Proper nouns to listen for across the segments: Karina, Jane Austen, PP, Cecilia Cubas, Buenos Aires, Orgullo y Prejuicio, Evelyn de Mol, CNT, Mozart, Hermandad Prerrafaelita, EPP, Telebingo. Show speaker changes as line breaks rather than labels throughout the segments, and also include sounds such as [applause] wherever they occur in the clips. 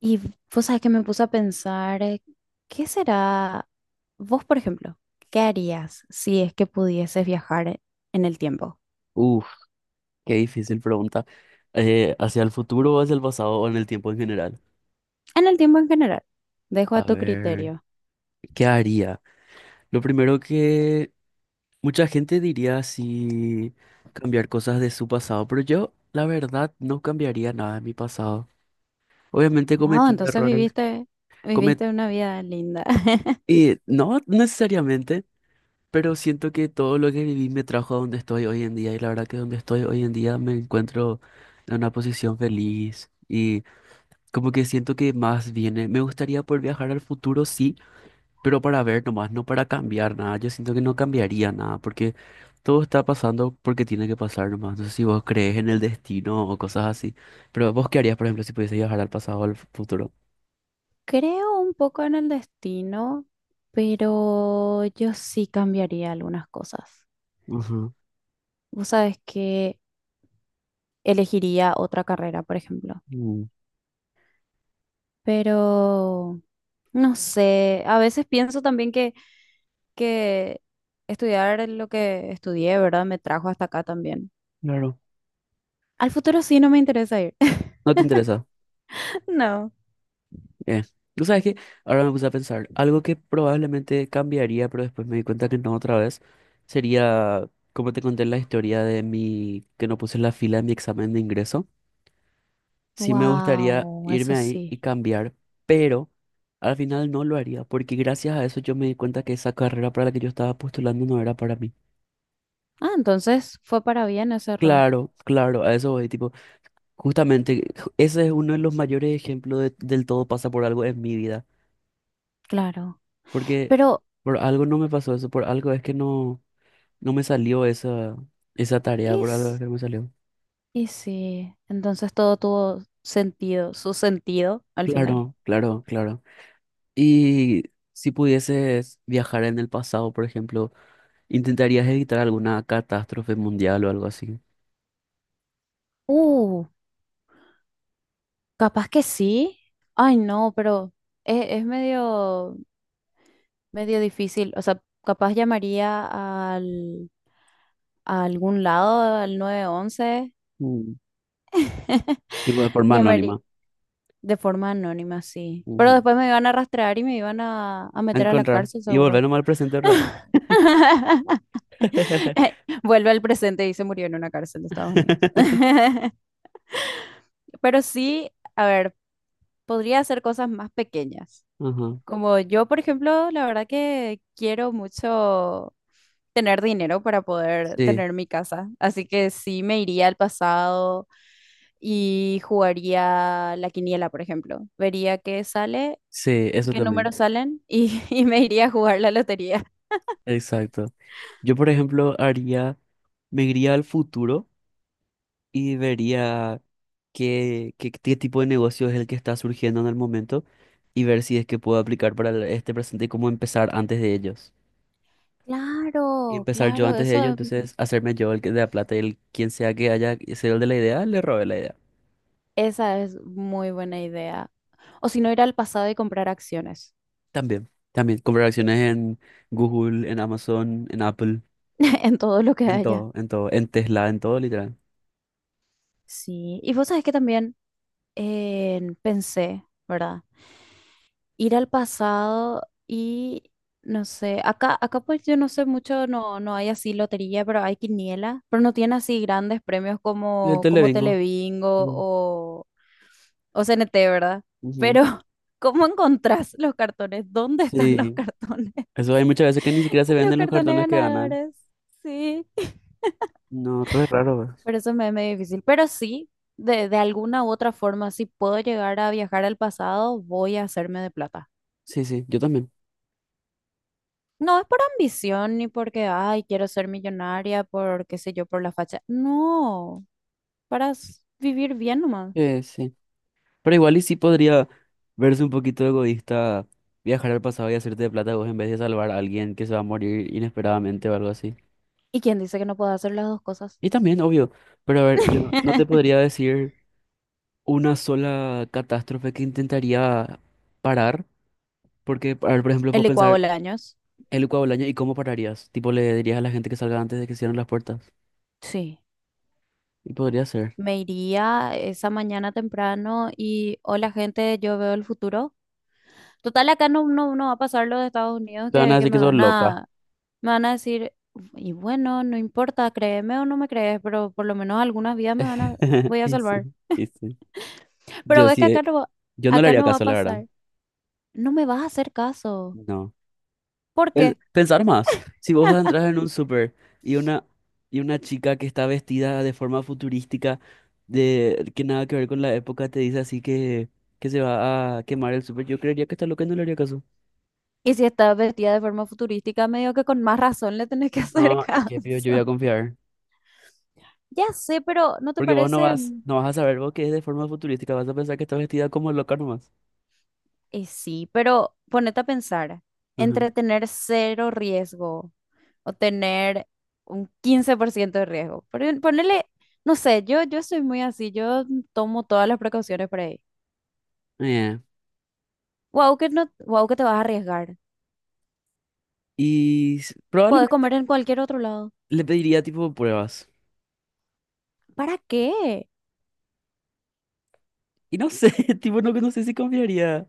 Y vos sabés que me puse a pensar, ¿qué será vos, por ejemplo? ¿Qué harías si es que pudieses viajar en el tiempo?
Uf, qué difícil pregunta. ¿Hacia el futuro o hacia el pasado o en el tiempo en general?
En el tiempo en general. Dejo a
A
tu
ver,
criterio.
¿qué haría? Lo primero que mucha gente diría si cambiar cosas de su pasado, pero yo, la verdad, no cambiaría nada de mi pasado. Obviamente
Wow,
cometí
entonces
errores,
viviste,
comet
viviste una vida linda. [laughs]
y no necesariamente, pero siento que todo lo que viví me trajo a donde estoy hoy en día y la verdad que donde estoy hoy en día me encuentro en una posición feliz. Como que siento que más viene, me gustaría poder viajar al futuro, sí, pero para ver nomás, no para cambiar nada. Yo siento que no cambiaría nada, porque todo está pasando porque tiene que pasar nomás. No sé si vos crees en el destino o cosas así, ¿pero vos qué harías, por ejemplo, si pudiese viajar al pasado o al futuro?
Creo un poco en el destino, pero yo sí cambiaría algunas cosas.
Ujú.
Vos sabés que elegiría otra carrera, por ejemplo.
Mm,
Pero no sé, a veces pienso también que que estudiar lo que estudié, ¿verdad? Me trajo hasta acá también.
claro.
Al futuro sí no me interesa ir. [laughs]
No te interesa.
No.
Eh. Tú sabes que ahora me puse a pensar, algo que probablemente cambiaría, pero después me di cuenta que no otra vez, sería, como te conté la historia de mi, que no puse la fila en mi examen de ingreso. Sí me gustaría
Wow, eso
irme ahí y
sí.
cambiar, pero al final no lo haría, porque gracias a eso yo me di cuenta que esa carrera para la que yo estaba postulando no era para mí.
Ah, entonces fue para bien ese error.
Claro, claro, a eso voy, tipo, justamente ese es uno de los mayores ejemplos del todo pasa por algo en mi vida,
Claro.
porque
Pero
por algo no me pasó eso, por algo es que no, no me salió esa, esa tarea, por algo es
es,
que no me salió.
y sí, entonces todo tuvo sentido, su sentido al final.
Claro, claro, claro. Y si pudieses viajar en el pasado, por ejemplo, ¿intentarías evitar alguna catástrofe mundial o algo así?
Uh, capaz que sí. Ay, no, pero es medio, medio difícil. O sea, capaz llamaría al, a algún lado, al 911.
Mm.
[laughs]
Y por forma
Llamaría
anónima.
de forma anónima, sí. Pero
Ujú.
después me iban a rastrear y me iban a
A
meter a la
encontrar
cárcel,
y
seguro.
volver nomás al presente, ¿verdad?
[laughs]
[laughs]
Vuelve al presente y se murió en una cárcel de Estados Unidos. [laughs] Pero sí, a ver, podría hacer cosas más pequeñas.
Ajá.
Como yo, por ejemplo, la verdad que quiero mucho tener dinero para poder
Sí,
tener mi casa. Así que sí me iría al pasado y jugaría la quiniela, por ejemplo. Vería qué sale,
sí, eso
qué
también.
números salen [laughs] y me iría a jugar la lotería.
Exacto. Yo, por ejemplo, haría, me iría al futuro y vería qué tipo de negocio es el que está surgiendo en el momento y ver si es que puedo aplicar para este presente y cómo empezar antes de ellos. Y
Claro,
empezar yo
claro,
antes de ello, entonces hacerme yo de la plata y el quien sea que haya sido el de la idea, le robé la idea.
esa es muy buena idea. O si no, ir al pasado y comprar acciones
También, también, comprar acciones en Google, en Amazon, en Apple,
[laughs] en todo lo que
en
haya.
todo, en todo, en Tesla, en todo, literal.
Sí, y vos sabés que también pensé, ¿verdad? Ir al pasado y no sé, acá, acá pues yo no sé mucho, no, no hay así lotería, pero hay quiniela, pero no tiene así grandes premios
Y el
como, como
Televingo. Sí,
Telebingo o CNT, ¿verdad?
ujú.
Pero, [laughs] ¿cómo encontrás los cartones? ¿Dónde están los
Sí,
cartones? [laughs]
eso hay muchas veces que ni siquiera se
Los
venden los
cartones
cartones que ganan.
ganadores, sí.
No, re raro, ¿verdad?
Pero eso me es medio difícil, pero sí, de alguna u otra forma, si puedo llegar a viajar al pasado, voy a hacerme de plata.
Sí, sí, yo también.
No es por ambición ni porque, ay, quiero ser millonaria, por qué sé yo, por la facha. No, vivir bien nomás.
Sí. Pero igual y sí podría verse un poquito egoísta viajar al pasado y hacerte de plata vos en vez de salvar a alguien que se va a morir inesperadamente o algo así.
¿Y quién dice que no puedo hacer las dos cosas?
Y también, obvio, pero a ver, yo no te
[laughs]
podría decir una sola catástrofe que intentaría parar, porque, a ver, por ejemplo,
El
puedo
licuado
pensar
de años.
el Ucao del año y cómo pararías. Tipo, le dirías a la gente que salga antes de que cierren las puertas.
Sí.
Y podría ser.
Me iría esa mañana temprano y, hola gente, yo veo el futuro. Total, acá no, no, no va a pasar lo de Estados Unidos
Te van a
que
decir
me
que sos
van
loca.
a. Me van a decir, y bueno, no importa, créeme o no me crees, pero por lo menos algunas vidas me van
[laughs]
voy a
Y sí,
salvar.
y sí.
[laughs] Pero
Yo
ves que
sí, yo no le
acá
haría
no va a
caso, la verdad.
pasar. No me vas a hacer caso.
No.
¿Por qué?
Pensar más. Si vos
[laughs]
entras en un súper y una, y una chica que está vestida de forma futurística de que nada que ver con la época te dice así que se va a quemar el súper, yo creería que está loca y no le haría caso.
Y si estás vestida de forma futurística, medio que con más razón le tenés que hacer [laughs]
No, es que pido, yo voy
caso.
a confiar.
Ya sé, pero ¿no te
Porque vos
parece?
no vas a saber vos que es de forma futurística, vas a pensar que está vestida como loca nomás.
Sí, pero ponete a pensar.
Ajá.
Entretener cero riesgo. O tener un 15% de riesgo. Pero ponerle, no sé, yo soy muy así, yo tomo todas las precauciones por ahí.
Eh,
Wow, que no, wow, que te vas a arriesgar.
Y
Puedes comer
probablemente
en cualquier otro lado.
le pediría tipo pruebas.
¿Para qué?
Y no sé, [laughs] tipo no sé si confiaría.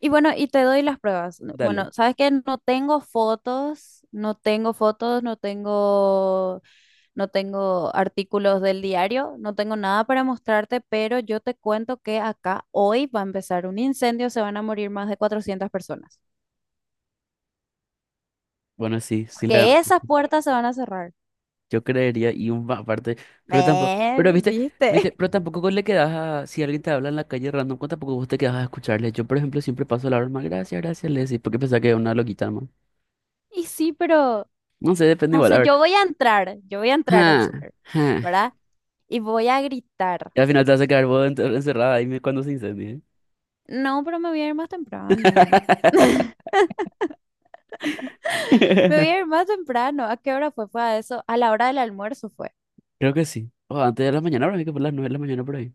Y bueno, y te doy las pruebas. No.
Dale.
Bueno, sabes que no tengo fotos, no tengo fotos, no tengo, no tengo artículos del diario, no tengo nada para mostrarte, pero yo te cuento que acá hoy va a empezar un incendio, se van a morir más de 400 personas.
Bueno, sí, sí le.
Que esas puertas se van a cerrar.
Yo creería, y un aparte, pero tampoco, pero viste,
¿Viste?
viste, pero
[laughs]
tampoco le quedas a, si alguien te habla en la calle random, pues tampoco vos te quedas a escucharle. Yo, por ejemplo, siempre paso la broma, gracias, gracias, le decís, porque pensaba que era una loquita más.
Y sí, pero
No sé, depende
no
igual, a
sé, yo
ver.
voy a entrar, yo voy a entrar al
Ja,
súper,
ja.
¿verdad? Y voy a gritar.
Y al final te vas a quedar vos encerrada ahí cuando se incendie.
No, pero me voy a ir más temprano.
[laughs]
[laughs] Me voy a ir más temprano. ¿A qué hora fue? Fue a eso. A la hora del almuerzo fue.
Creo que sí. O antes de la mañana, ahora hay que por las nueve de la mañana por ahí.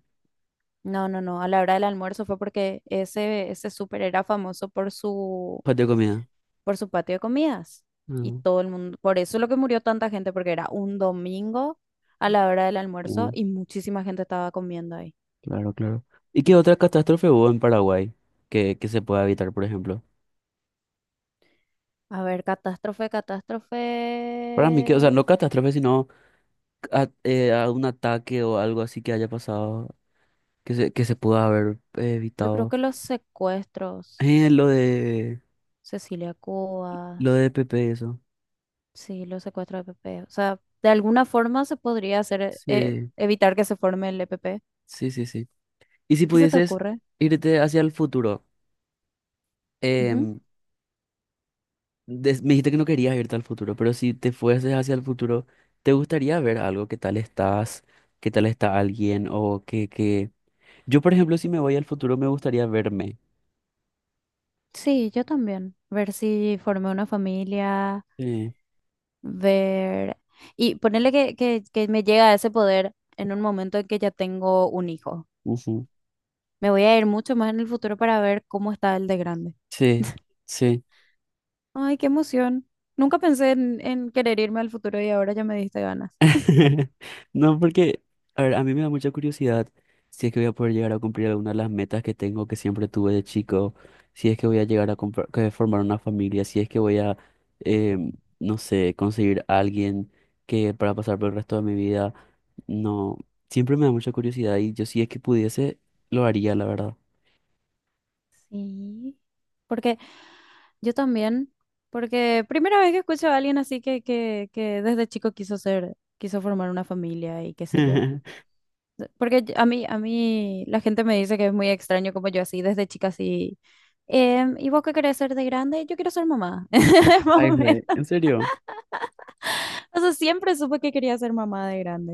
No, no, no, a la hora del almuerzo fue porque ese súper era famoso
Patio de comida.
por su patio de comidas. Y
Mm,
todo el mundo, por eso es lo que murió tanta gente, porque era un domingo a la hora del almuerzo
mm,
y muchísima gente estaba comiendo ahí.
claro, claro. ¿Y qué otra catástrofe hubo en Paraguay que se pueda evitar, por ejemplo?
A ver, catástrofe, catástrofe.
Para mí que, o sea, no catástrofe, sino a un ataque o algo así que haya pasado, que se pudo haber
Yo creo
evitado.
que los secuestros,
Eh, lo de,
Cecilia
lo
Cubas,
de Pepe, eso.
sí, los secuestros de PP. O sea, de alguna forma se podría hacer,
Sí,
evitar que se forme el EPP.
sí, sí, sí. Y si
¿Qué se te
pudieses
ocurre?
irte hacia el futuro, em, me dijiste que no querías irte al futuro, pero si te fueses hacia el futuro, ¿te gustaría ver algo? ¿Qué tal estás? ¿Qué tal está alguien? O que... Yo, por ejemplo, si me voy al futuro, me gustaría verme.
Sí, yo también. Ver si formé una familia,
Sí,
ver... Y ponerle que me llega a ese poder en un momento en que ya tengo un hijo.
ujú.
Me voy a ir mucho más en el futuro para ver cómo está el de grande.
Sí,
[laughs]
sí.
Ay, qué emoción. Nunca pensé en querer irme al futuro y ahora ya me diste ganas. [laughs]
[laughs] No, porque, a ver, a mí me da mucha curiosidad si es que voy a poder llegar a cumplir alguna de las metas que tengo, que siempre tuve de chico, si es que voy a llegar a que formar una familia, si es que voy a, em, no sé, conseguir a alguien que para pasar por el resto de mi vida, no, siempre me da mucha curiosidad y yo si es que pudiese, lo haría, la verdad.
Sí. Porque yo también, porque primera vez que escucho a alguien así que desde chico quiso ser, quiso formar una familia y qué sé yo.
[laughs]
Porque yo, a mí la gente me dice que es muy extraño como yo así, desde chica así. Em, ¿y vos qué querés ser de grande? Yo quiero ser mamá. [laughs] Más o
Ay, güey,
menos.
¿en serio?
O sea, siempre supe que quería ser mamá de grande.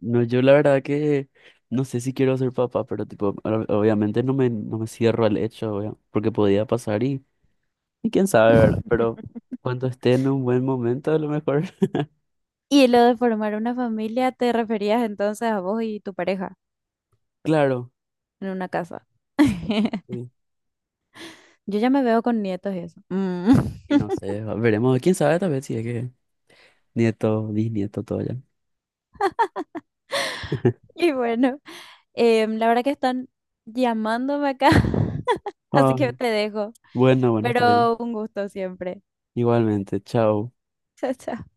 No, yo la verdad que no sé si quiero ser papá, pero tipo, obviamente no me cierro al hecho, porque podía pasar y quién sabe, ¿verdad? Pero
[laughs]
cuando esté en un buen momento, a lo mejor, [laughs]
Y lo de formar una familia, ¿te referías entonces a vos y tu pareja
claro.
en una casa? [laughs]
Sí,
Yo ya me veo con nietos y eso. Mm. [laughs]
y no sé, veremos, quién sabe, tal vez si es que nieto, bisnieto, todo ya. [laughs]
Y bueno, em, la verdad que están llamándome acá, [laughs] así
Ah,
que te dejo.
bueno, bueno, está bien.
Pero un gusto siempre.
Igualmente, chao.
[laughs] Chao, chao.